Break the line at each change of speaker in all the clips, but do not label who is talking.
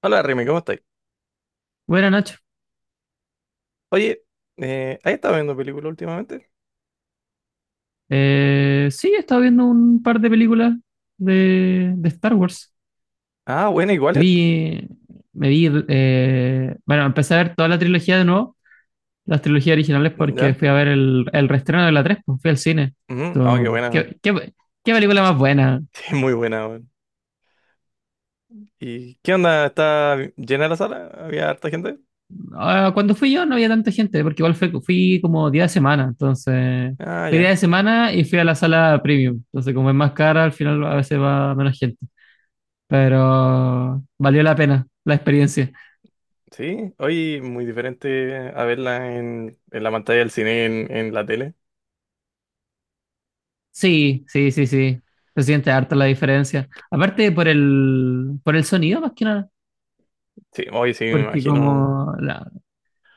Hola Remy, ¿cómo estáis?
Buena Nacho.
Oye, ¿has estado viendo películas últimamente?
Sí, he estado viendo un par de películas de Star Wars.
Ah, buena, igual
Me
es.
vi, me vi, bueno, empecé a ver toda la trilogía de nuevo, las trilogías originales, porque
¿Ya?
fui a ver el reestreno de la 3, pues fui al cine.
Ujú. Ah, qué
Entonces,
buena.
¿ qué película más buena?
Qué muy buena, weón. ¿Y qué onda? ¿Está llena la sala? ¿Había harta gente?
Ah, cuando fui yo no había tanta gente, porque igual fui como día de semana, entonces
Ah,
fui día
ya.
de semana y fui a la sala premium. Entonces, como es más cara, al final a veces va menos gente. Pero valió la pena la experiencia.
Sí, hoy muy diferente a verla en la pantalla del cine, en la tele.
Sí, sí, sí, sí. Se siente harta la diferencia. Aparte por por el sonido más que nada,
Sí, hoy sí, me
porque
imagino.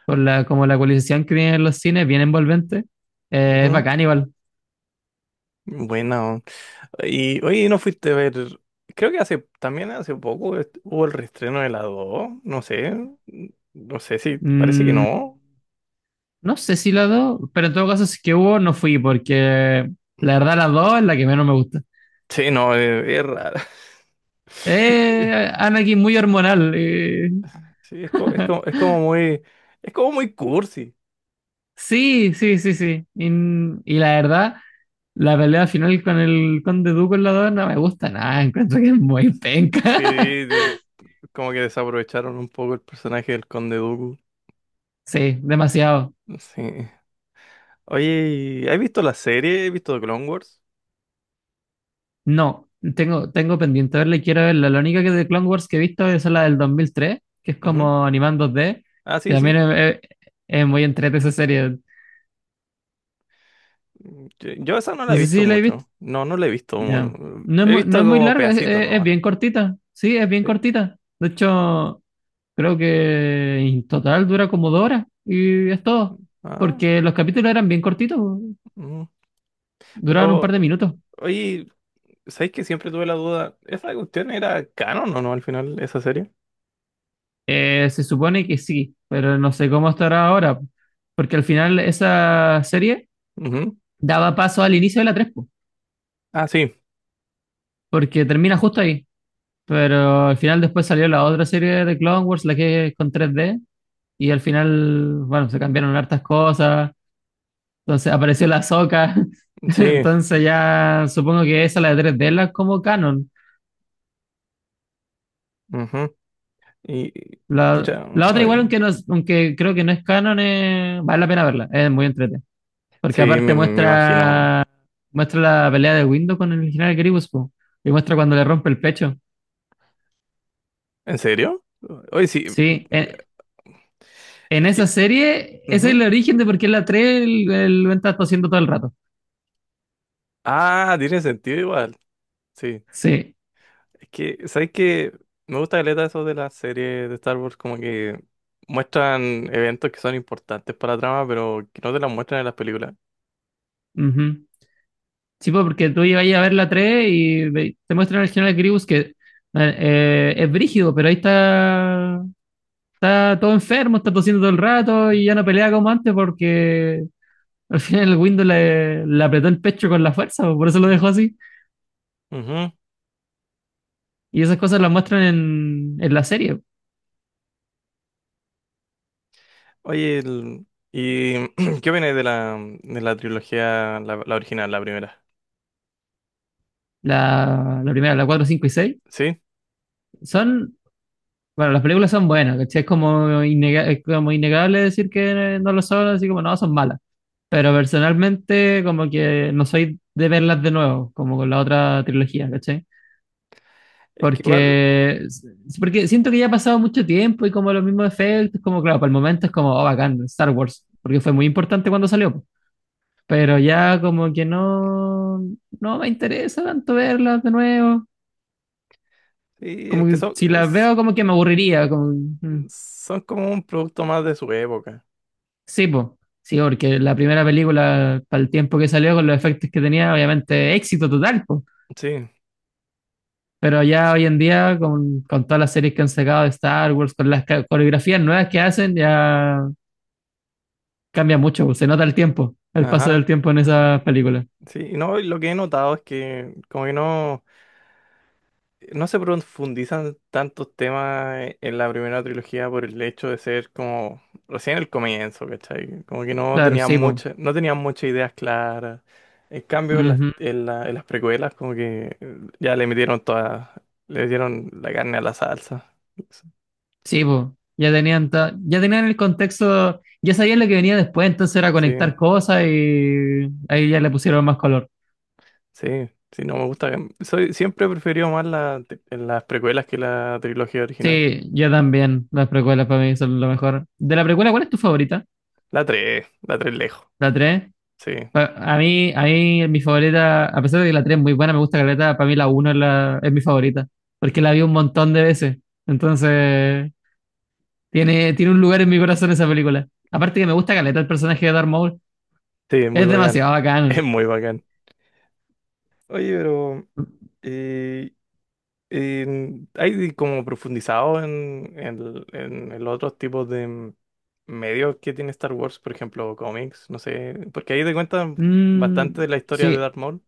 por como la ecualización que tienen los cines, bien envolvente, es
Ujú.
bacán igual.
Buena, weón. Y hoy no fuiste a ver. Creo que hace también hace poco hubo el reestreno de la 2. No sé. No sé si. Parece que
Mm,
no.
no sé si la dos, pero en todo caso si es que hubo, no fui, porque la verdad la dos es la que menos me gusta.
Sí, no, es raro.
Anakin muy hormonal.
Sí, es, es como muy cursi.
Sí, sí, sí, sí. Y la verdad... La pelea final con el Conde Dooku en la 2 no me gusta nada, encuentro que es muy
Sí,
penca.
como que desaprovecharon un poco el personaje del Conde Dooku.
Sí, demasiado.
Sí. Oye, ¿has visto la serie? ¿Has visto The Clone Wars?
No, tengo pendiente verla y quiero verla. La única que de Clone Wars que he visto es la del 2003, que es
Ujú.
como animando 2D,
Ah,
y
sí,
también
sí.
es muy entrete esa serie.
Mm, yo esa no la
No
he
sé
visto
si la he visto.
mucho. No, no la he visto.
Ya.
He visto
No es muy
como
larga,
pedacitos
es
nomás.
bien cortita. Sí, es bien
¿Sí?
cortita. De hecho, creo que en total dura como dos horas y es todo.
Ah,
Porque los capítulos eran bien cortitos.
mm.
Duraron un
Pero,
par de minutos.
oye, ¿sabéis que siempre tuve la duda? ¿Esa cuestión era canon o no al final, esa serie?
Se supone que sí, pero no sé cómo estará ahora, porque al final esa serie
Ujú.
daba paso al inicio de la 3 po,
Ah, sí.
porque termina justo ahí. Pero al final después salió la otra serie de Clone Wars, la que es con tres d y al final, bueno, se cambiaron hartas cosas, entonces apareció la Soca,
Sí,
entonces ya supongo que esa, la de 3D, es la es como canon.
ujú. Y, pucha,
La otra
a
igual, aunque, no, aunque creo que no es canon, vale la pena verla, es muy entretenida, porque
sí,
aparte
me imagino.
muestra Muestra la pelea de Windows con el original Gribus, po. Y muestra cuando le rompe el pecho.
¿En serio? Oye, sí, mm,
Sí,
mm,
en
es
esa
que,
serie, ese es el
ujú.
origen de por qué en la 3 el Venta está haciendo todo el rato.
Ah, tiene sentido igual, sí.
Sí.
Es que, ¿sabes qué? Me gusta caleta eso de las series de Star Wars, como que muestran eventos que son importantes para la trama, pero que no te las muestran en las películas.
Ujú. Sí, po, porque tú ibas a ver la 3 y te muestran el general Gribus que es brígido, pero ahí está, está todo enfermo, está tosiendo todo el rato y ya no pelea como antes porque al final el Windows le apretó el pecho con la fuerza, po, por eso lo dejó así.
Ujú.
Y esas cosas las muestran en la serie.
Oye, ¿y qué opinas de la trilogía, la original, la primera?
La la, primera, la 4 5 y 6
Sí,
son, bueno, las películas son buenas, ¿cachai? Es como, es como innegable decir que no lo son, así como no, son malas. Pero personalmente, como que no soy de verlas de nuevo, como con la otra trilogía, ¿cachai?
es que igual,
Porque, porque siento que ya ha pasado mucho tiempo y como los mismos efectos, como claro, para el momento es como, oh, bacán, Star Wars, porque fue muy importante cuando salió, po. Pero ya como que no me interesa tanto verlas de nuevo.
sí, es
Como que
que son,
si las veo, como que me aburriría. Como, mm,
son como un producto más de su época.
sí, po. Sí, porque la primera película, para el tiempo que salió, con los efectos que tenía, obviamente éxito total, po.
Sí,
Pero ya hoy en día, con todas las series que han sacado de Star Wars, con las coreografías nuevas que hacen, ya cambia mucho, po. Se nota el tiempo, el paso del
ajá.
tiempo en esas películas.
Sí, y no, y lo que he notado es que como que no, no se profundizan tantos temas en la primera trilogía por el hecho de ser como recién el comienzo, ¿cachai? Como que no
Claro,
tenían
sí, po.
muchas, no tenían muchas ideas claras. En cambio, en las,
Ujú.
en las precuelas como que ya le metieron toda, le dieron la carne a la salsa.
Sí, po. Ya tenían el contexto, ya sabían lo que venía después, entonces era
Sí.
conectar cosas y ahí ya le pusieron más color.
Sí, sí, no me gusta. Soy, siempre he preferido más la, las precuelas que la trilogía original.
Sí, yo también. Las precuelas para mí son lo mejor. De la precuela, ¿cuál es tu favorita?
La 3 lejos.
¿La 3.
Sí,
A a mí, mi favorita, a pesar de que la 3 es muy buena, me gusta Caleta, para mí la uno es mi favorita, porque la vi un montón de veces. Entonces, tiene un lugar en mi corazón esa película. Aparte que me gusta Caleta, el personaje de Darth Maul
sí, es muy
es
bacán.
demasiado
Es
bacán.
muy bacán. Oye, pero eh, ¿hay como profundizado en el otros tipos de medios que tiene Star Wars? Por ejemplo, cómics, no sé. Porque ahí te cuentan bastante de
Mm,
la historia de
sí.
Darth Maul.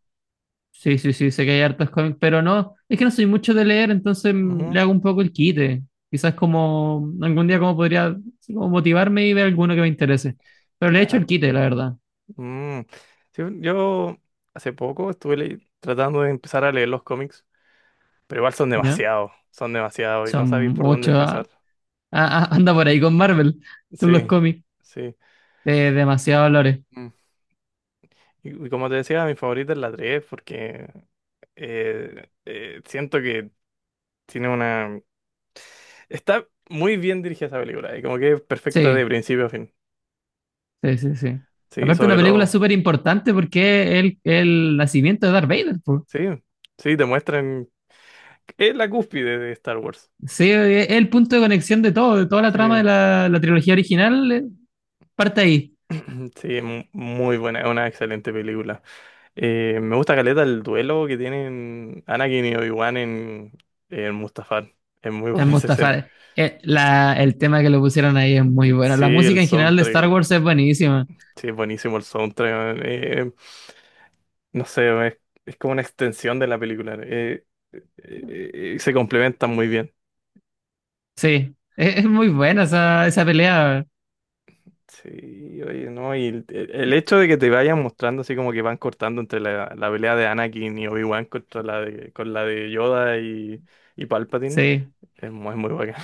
Sí, sí, sí, sé que hay hartos cómics, pero no, es que no soy mucho de leer, entonces mm,
Ujú,
le hago un poco el quite. Quizás como algún día como podría así como motivarme y ver alguno que me interese. Pero le he hecho el
nada.
quite, la verdad,
Mm, sí, yo hace poco estuve tratando de empezar a leer los cómics, pero igual
¿ya?
son demasiados y no
Son
sabéis por dónde
muchos,
empezar.
ah, ah, ah, anda por ahí con Marvel, con los
Sí,
cómics,
sí.
de demasiado valores.
Mm. Y como te decía, mi favorita es la 3 porque siento que tiene una... Está muy bien dirigida esa película y como que es perfecta de
Sí,
principio a fin.
sí, sí, sí.
Sí,
Aparte una
sobre
película
todo.
súper importante porque es el nacimiento de Darth Vader, po.
Sí, sí, te muestran... Es la cúspide de Star Wars.
Sí, es el punto de conexión de todo, de toda la
Sí,
trama de la trilogía original, parte ahí.
sí, muy buena, es una excelente película. Me gusta caleta el duelo que tienen Anakin y Obi-Wan en Mustafar. Es muy
Es
buena esa escena.
Mustafar. El tema que le pusieron ahí es muy bueno.
Sí,
La
el
música en general de Star
soundtrack.
Wars es buenísima.
Sí, es buenísimo el soundtrack, man. No sé, es como una extensión de la película. Se complementan muy bien.
Sí, es muy buena esa pelea.
Sí, oye, no, y el hecho de que te vayan mostrando así como que van cortando entre la, la pelea de Anakin y Obi-Wan contra la de, con la de Yoda y Palpatine,
Sí,
es muy, muy bacán.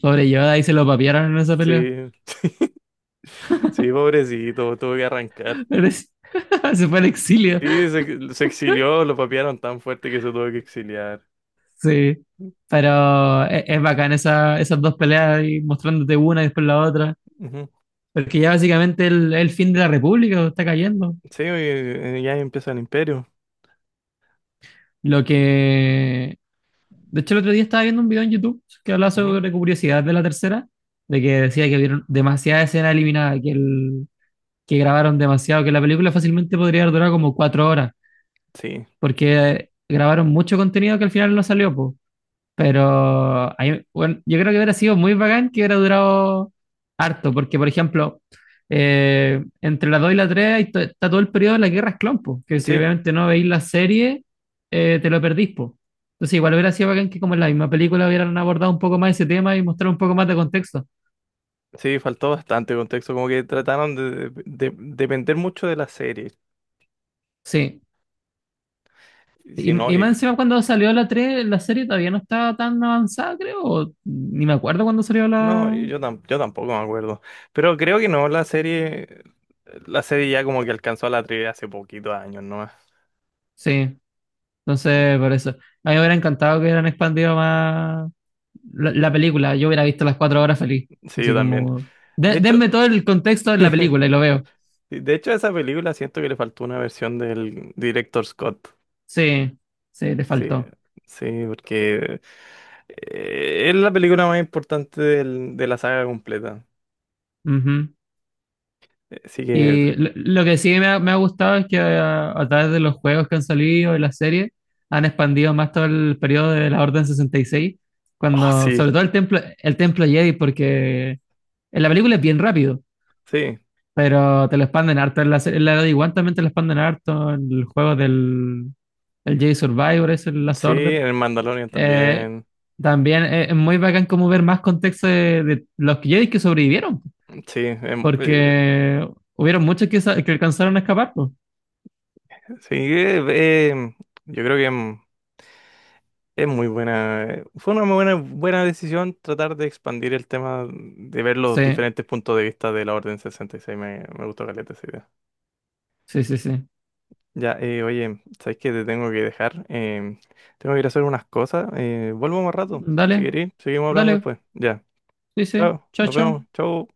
pobre Yoda, ahí se lo papiaron en esa pelea.
Sí, sí, pobrecito, tuve que arrancar.
Pero es- se fue al exilio.
Sí, se exilió, lo papearon tan fuerte que se tuvo que exiliar.
Sí, pero es bacán esas dos peleas y mostrándote una y después la otra.
Ujú.
Porque ya básicamente el fin de la República está cayendo.
Sí, ya empieza el imperio.
Lo que De hecho, el otro día estaba viendo un video en YouTube que hablaba
Ujú.
sobre curiosidad de la tercera, de que decía que vieron demasiada escena eliminada, que grabaron demasiado, que la película fácilmente podría haber durado como cuatro horas,
Sí,
porque grabaron mucho contenido que al final no salió, po. Bueno, yo creo que hubiera sido muy bacán que hubiera durado harto, porque por ejemplo, entre la 2 y la 3 está todo el periodo de las guerras clon, po, que si
sí,
obviamente no veis la serie, te lo perdís, po. Entonces igual hubiera sido bacán que como en la misma película hubieran abordado un poco más ese tema y mostrar un poco más de contexto.
sí, faltó bastante contexto, como que trataron de, depender mucho de la serie.
Sí.
Y si no,
Y más encima cuando salió la 3 la serie todavía no estaba tan avanzada, creo, o ni me acuerdo cuando salió
no,
la...
yo, yo tampoco me acuerdo. Pero creo que no, la serie ya como que alcanzó a la trivia hace poquitos años, ¿no?
Sí,
Sí,
entonces por eso. A mí me hubiera encantado que hubieran expandido más la película, yo hubiera visto las cuatro horas feliz.
sí, yo
Así
también.
como,
De
denme
hecho,
todo el contexto de la película y lo veo.
de hecho a esa película siento que le faltó una versión del director Scott.
Sí, sí, le
Sí,
faltó.
sí, porque es la película más importante de la saga completa.
Ujú.
Así que,
Y lo que sí me ha gustado es que a través de los juegos que han salido y las series, han expandido más todo el periodo de la Orden sesenta y seis
oh,
cuando,
sí,
sobre todo el templo Jedi, porque en la película es bien rápido,
sí,
pero te lo expanden harto. En la de Obi-Wan también te lo expanden harto, en el juego del el Jedi Survivor, es el Last
sí,
Order.
en el Mandalorian
Eh,
también.
también es muy bacán como ver más contexto de los Jedi que sobrevivieron,
Sí,
porque hubieron muchos que alcanzaron a escapar, pues.
sí, eh, eh, yo creo que es muy buena. Eh, fue una muy buena, buena decisión tratar de expandir el tema, de ver los
Sí,
diferentes puntos de vista de la Orden 66. Me gustó caleta esa idea.
sí, sí, sí.
Ya, oye, sabes que te tengo que dejar. Em, tengo que ir a hacer unas cosas. Eh, vuelvo más rato. Si
Dale,
querés, seguimos hablando
dale,
después. Ya,
sí, sí,
chao,
chao,
nos vemos,
chao.
chao.